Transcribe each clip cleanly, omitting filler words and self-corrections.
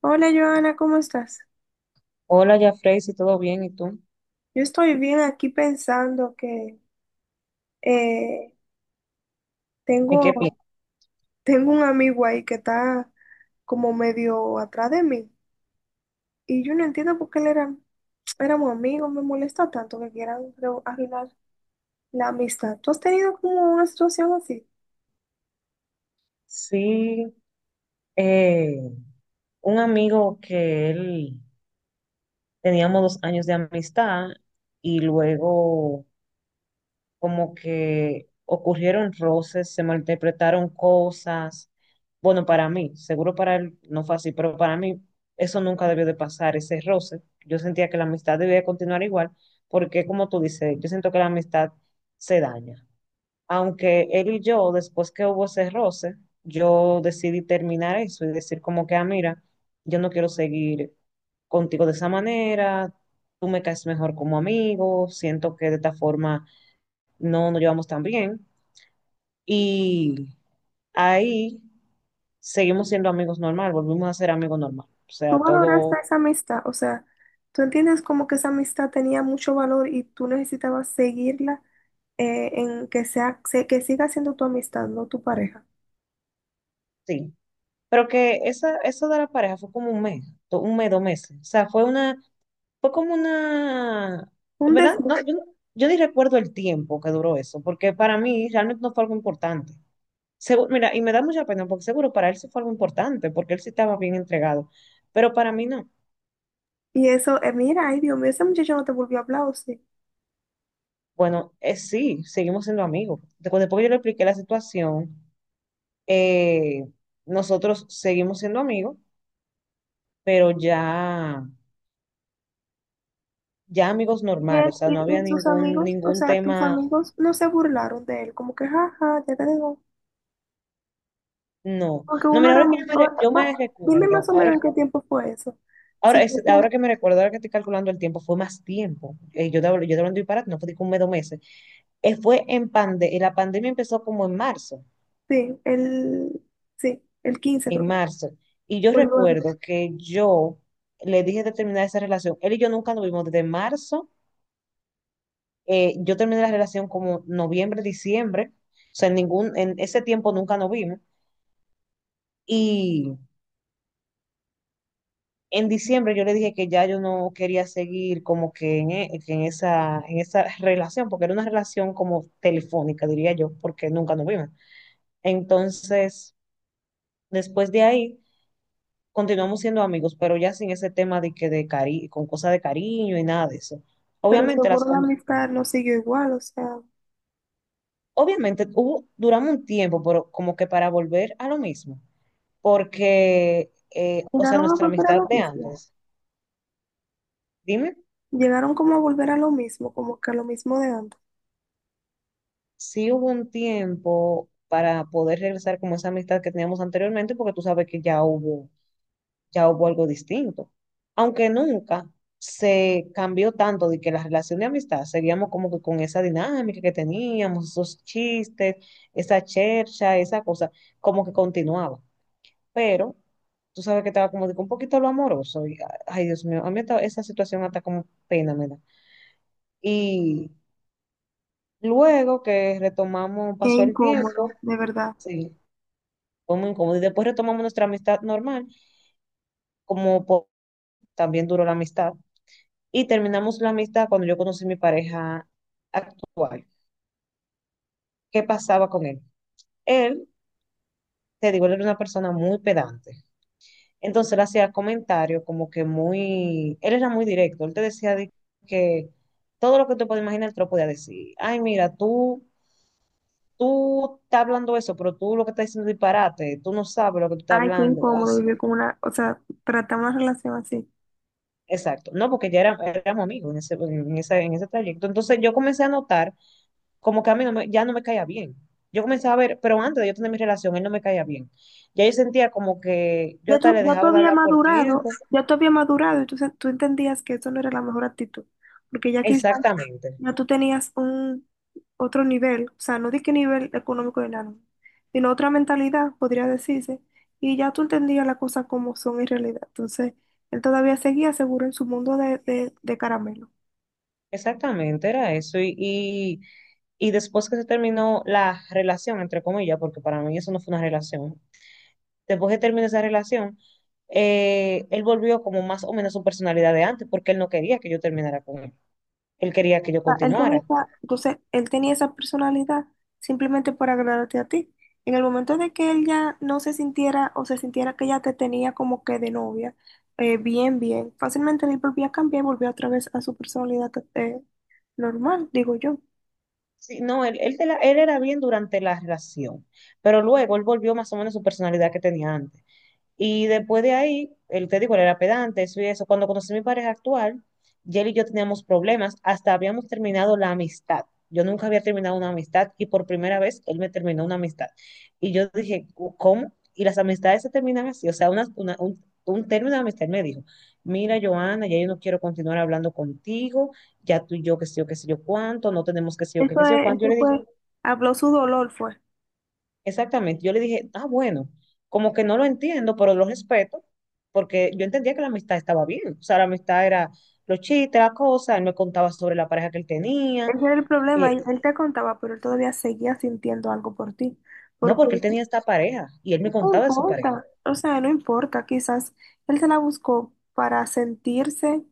Hola, Joana, ¿cómo estás? Hola, Jafrey, si todo bien, ¿y tú? Yo estoy bien aquí pensando que eh, ¿En qué tengo, piensas? tengo un amigo ahí que está como medio atrás de mí y yo no entiendo por qué él era, éramos amigos, me molesta tanto que quieran creo, arruinar la amistad. ¿Tú has tenido como una situación así? Sí, eh, un amigo que él teníamos 2 años de amistad y luego como que ocurrieron roces, se malinterpretaron cosas. Bueno, para mí, seguro para él no fue así, pero para mí eso nunca debió de pasar, ese roce. Yo sentía que la amistad debía de continuar igual, porque como tú dices, yo siento que la amistad se daña. Aunque él y yo, después que hubo ese roce, yo decidí terminar eso y decir como que, ah, mira, yo no quiero seguir contigo de esa manera, tú me caes mejor como amigo, siento que de esta forma no nos llevamos tan bien. Y ahí seguimos siendo amigos normal, volvimos a ser amigos normal. O ¿Tú sea, valoraste todo, esa amistad? O sea, ¿tú entiendes como que esa amistad tenía mucho valor y tú necesitabas seguirla en que sea, que siga siendo tu amistad, no tu pareja? sí. Pero que esa, eso de la pareja fue como un mes, un mes, 2 meses. O sea, fue como una, Un ¿verdad? No, desvío. Yo ni recuerdo el tiempo que duró eso, porque para mí realmente no fue algo importante. Mira, y me da mucha pena, porque seguro para él sí fue algo importante, porque él sí estaba bien entregado, pero para mí no. Y eso, mira, ay, Dios mío, ese muchacho no te volvió a hablar, ¿o sí? Bueno, sí, seguimos siendo amigos. Después que yo le expliqué la situación, eh, nosotros seguimos siendo amigos, pero ya amigos Y él normales, o sea, no había y sus ningún, amigos, o ningún sea, tus tema, amigos no se burlaron de él, como que, jaja, ya te digo. no. Porque No, uno mira, era ahora que muy... o- yo va, me dime más recuerdo, o ahora. menos en qué tiempo fue eso. Si Ahora, es- fue, ahora como- que me recuerdo, ahora que estoy calculando el tiempo, fue más tiempo. Yo te hablo de disparate, no fue de que un mes, dos meses. La pandemia empezó como en marzo, sí, el, sí, el 15 creo. en Que marzo. Y yo fue el 9. recuerdo que yo le dije de terminar esa relación. Él y yo nunca nos vimos desde marzo. Yo terminé la relación como noviembre, diciembre. O sea, en ese tiempo nunca nos vimos. Y en diciembre yo le dije que ya yo no quería seguir como que en, e- que en esa relación, porque era una relación como telefónica, diría yo, porque nunca nos vimos. Entonces, después de ahí, continuamos siendo amigos, pero ya sin ese tema de que de cari con cosas de cariño y nada de eso. Pero Obviamente, las, seguro la con- amistad no siguió igual, o sea, obviamente hubo, duramos un tiempo, pero como que para volver a lo mismo, porque, o sea, llegaron a nuestra volver a amistad lo de mismo. antes. Dime. Llegaron como a volver a lo mismo, como que a lo mismo de antes. Sí hubo un tiempo para poder regresar como esa amistad que teníamos anteriormente, porque tú sabes que ya hubo algo distinto. Aunque nunca se cambió tanto de que la relación de amistad, seguíamos como que con esa dinámica que teníamos, esos chistes, esa chercha, esa cosa, como que continuaba. Pero tú sabes que estaba como de que un poquito lo amoroso. Y, ay, Dios mío, a mí esa situación hasta como pena me da. Y luego que retomamos, Qué pasó el tiempo, incómodo, de verdad. sí. Fue muy incómodo. Y después retomamos nuestra amistad normal, como po- también duró la amistad. Y terminamos la amistad cuando yo conocí a mi pareja actual. ¿Qué pasaba con él? Él, te digo, él era una persona muy pedante. Entonces él hacía comentarios como que muy, él era muy directo. Él te decía de que todo lo que tú puedes imaginar, él te lo podía decir. Ay, mira, tú estás hablando eso, pero tú lo que estás diciendo es disparate. Tú no sabes lo que tú estás Ay, qué hablando. incómodo Así. vivir con una, o sea, tratar una relación así. Exacto, no, porque éramos amigos en ese trayecto. Entonces yo comencé a notar como que a mí no me- ya no me caía bien. Yo comencé a ver, pero antes de yo tener mi relación, él no me caía bien. Ya yo sentía como que yo hasta le Ya tú dejaba de habías hablar por tiempo. madurado, ya tú habías madurado, y tú se- tú entendías que eso no era la mejor actitud, porque ya quizás Exactamente, ya tú tenías un otro nivel, o sea, no di que nivel económico de nada, sino otra mentalidad, podría decirse, y ya tú entendías las cosas como son en realidad. Entonces, él todavía seguía seguro en su mundo de caramelo. exactamente, era eso. Y después que se terminó la relación, entre comillas, porque para mí eso no fue una relación, después que terminó esa relación, él volvió como más o menos su personalidad de antes, porque él no quería que yo terminara con él. Él quería que yo Sea, él tenía continuara. esa, entonces, él tenía esa personalidad simplemente por agradarte a ti. En el momento de que él ya no se sintiera o se sintiera que ya te tenía como que de novia, bien, bien, fácilmente él volvía a cambiar y volvía otra vez a su personalidad normal, digo yo. Sí, no, él era bien durante la relación, pero luego él volvió más o menos a su personalidad que tenía antes. Y después de ahí, el te digo, él era pedante, eso y eso. Cuando conocí a mi pareja actual, y él y yo teníamos problemas, hasta habíamos terminado la amistad. Yo nunca había terminado una amistad y por primera vez él me terminó una amistad. Y yo dije, ¿cómo? Y las amistades se terminan así. O sea, un término de amistad. Él me dijo, mira, Joana, ya yo no quiero continuar hablando contigo, ya tú y yo, qué sé yo, qué sé yo cuánto, no tenemos qué sé yo, qué, Eso qué sé yo es, cuánto. Yo eso le dije, fue, habló su dolor, fue. exactamente. Yo le dije, ah, bueno, como que no lo entiendo, pero lo respeto, porque yo entendía que la amistad estaba bien. O sea, la amistad era los chistes, la cosa, él me contaba sobre la pareja que él tenía. Ese era el problema, eh, él te contaba, pero él todavía seguía sintiendo algo por ti, no, porque porque él tenía esta pareja y él me no contaba de su pareja. importa, o sea, no importa, quizás él se la buscó para sentirse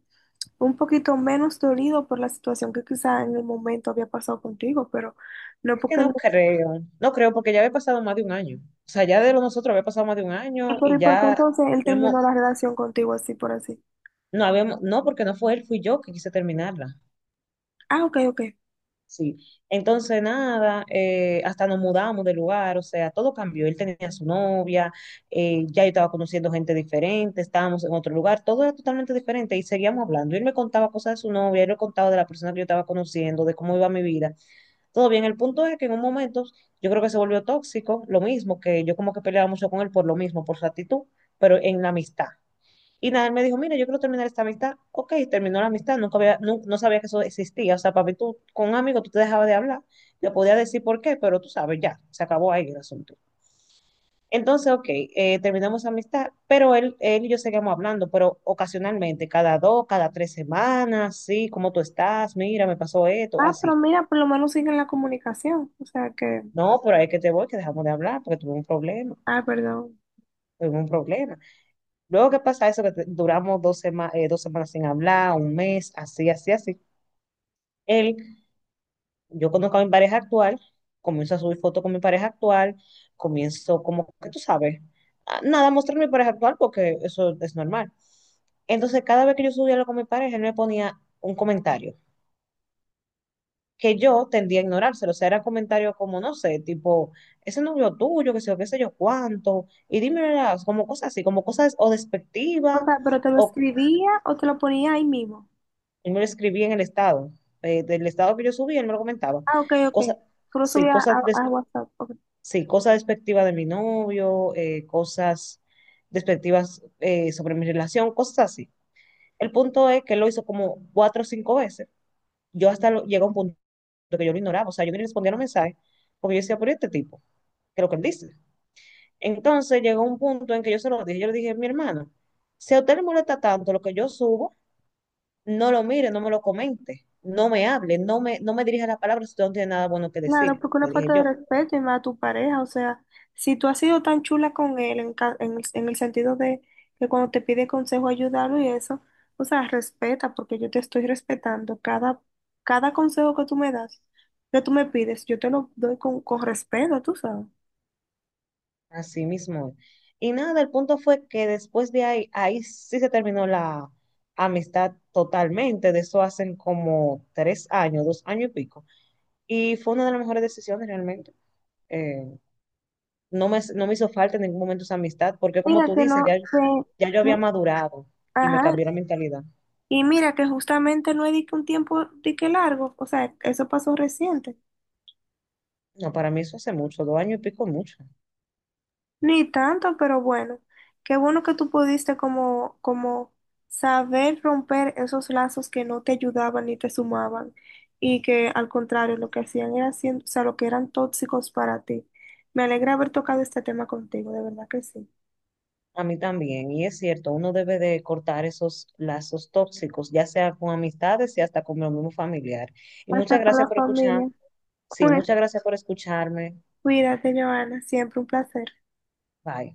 un poquito menos dolido por la situación que quizá en el momento había pasado contigo, pero no Es que porque él... no creo, no creo, porque ya había pasado más de un año. O sea, ya de lo nosotros había pasado más de un año y y por qué ya entonces él habíamos, terminó la relación contigo así por así? no habíamos, no, porque no fue él, fui yo que quise terminarla. Ah, ok, ok. Sí, entonces nada, hasta nos mudamos de lugar, o sea, todo cambió. Él tenía su novia, ya yo estaba conociendo gente diferente, estábamos en otro lugar, todo era totalmente diferente y seguíamos hablando. Él me contaba cosas de su novia, él me contaba de la persona que yo estaba conociendo, de cómo iba mi vida. Todo bien, el punto es que en un momento yo creo que se volvió tóxico, lo mismo, que yo como que peleaba mucho con él por lo mismo, por su actitud, pero en la amistad. Y nada, él me dijo, mira, yo quiero terminar esta amistad. Ok, terminó la amistad, nunca había, nu- no sabía que eso existía. O sea, para mí tú, con un amigo tú te dejabas de hablar, le podía decir por qué, pero tú sabes, ya, se acabó ahí el asunto. Entonces, ok, terminamos esa amistad, pero él y yo seguimos hablando, pero ocasionalmente, cada dos, cada 3 semanas, sí, ¿cómo tú estás? Mira, me pasó esto, Ah, pero así. mira, por lo menos siguen la comunicación. O sea que... No, pero ahí que te voy, que dejamos de hablar, porque tuve un problema, Ah, perdón. tuve un problema. Luego, ¿qué pasa? Eso duramos dos semanas sin hablar, un mes, así, así, así. Él Yo conozco a mi pareja actual, comienzo a subir fotos con mi pareja actual, comienzo como que tú sabes, a- nada, a mostrar mi pareja actual porque eso es normal. Entonces, cada vez que yo subía algo con mi pareja, él me ponía un comentario que yo tendía a ignorárselo. O sea, era comentario como, no sé, tipo, ese novio tuyo, que sé yo, qué sé yo cuánto, y dime, ¿verdad? Como cosas así, como cosas o O despectivas, sea, pero te lo o escribía o te lo ponía ahí mismo. él me lo escribía del estado que yo subí, él me lo comentaba. Ah, ok, ok. Cosas, Tú lo sí, subías cosas a WhatsApp. Ok. Sí, cosas despectivas de mi novio, cosas despectivas sobre mi relación, cosas así. El punto es que él lo hizo como 4 o 5 veces. Yo llegó a un punto que yo lo ignoraba, o sea, yo ni respondía a los mensajes porque yo decía, por este tipo, que es lo que él dice. Entonces llegó un punto en que yo se lo dije, yo le dije, mi hermano, si a usted le molesta tanto lo que yo subo, no lo mire, no me lo comente, no me hable, no me dirija la palabra si usted no tiene nada bueno que Claro, decir, porque una le dije falta yo. de respeto y más a tu pareja, o sea, si tú has sido tan chula con él en, ca- en el sentido de que cuando te pide consejo ayudarlo y eso, o sea, respeta, porque yo te estoy respetando cada, cada consejo que tú me das, que tú me pides, yo te lo doy con respeto, tú sabes. Así mismo. Y nada, el punto fue que después de ahí, ahí sí se terminó la amistad totalmente. De eso hacen como 3 años, 2 años y pico. Y fue una de las mejores decisiones realmente. Eh, no me hizo falta en ningún momento esa amistad, porque como Mira tú dices, ya, que, ya yo había no- madurado y me ajá, cambió la mentalidad. y mira que justamente no es de que un tiempo de que largo, o sea, eso pasó reciente. No, para mí eso hace mucho, 2 años y pico es mucho. Ni tanto, pero bueno, qué bueno que tú pudiste como, como saber romper esos lazos que no te ayudaban ni te sumaban y que al contrario lo que hacían era siendo, o sea, lo que eran tóxicos para ti. Me alegra haber tocado este tema contigo, de verdad que sí. A mí también, y es cierto, uno debe de cortar esos lazos tóxicos, ya sea con amistades y hasta con lo mismo familiar. Y muchas Hasta con la gracias por escuchar. familia. Sí, Bueno, muchas gracias por escucharme. cuídate, Joana, siempre un placer. Bye.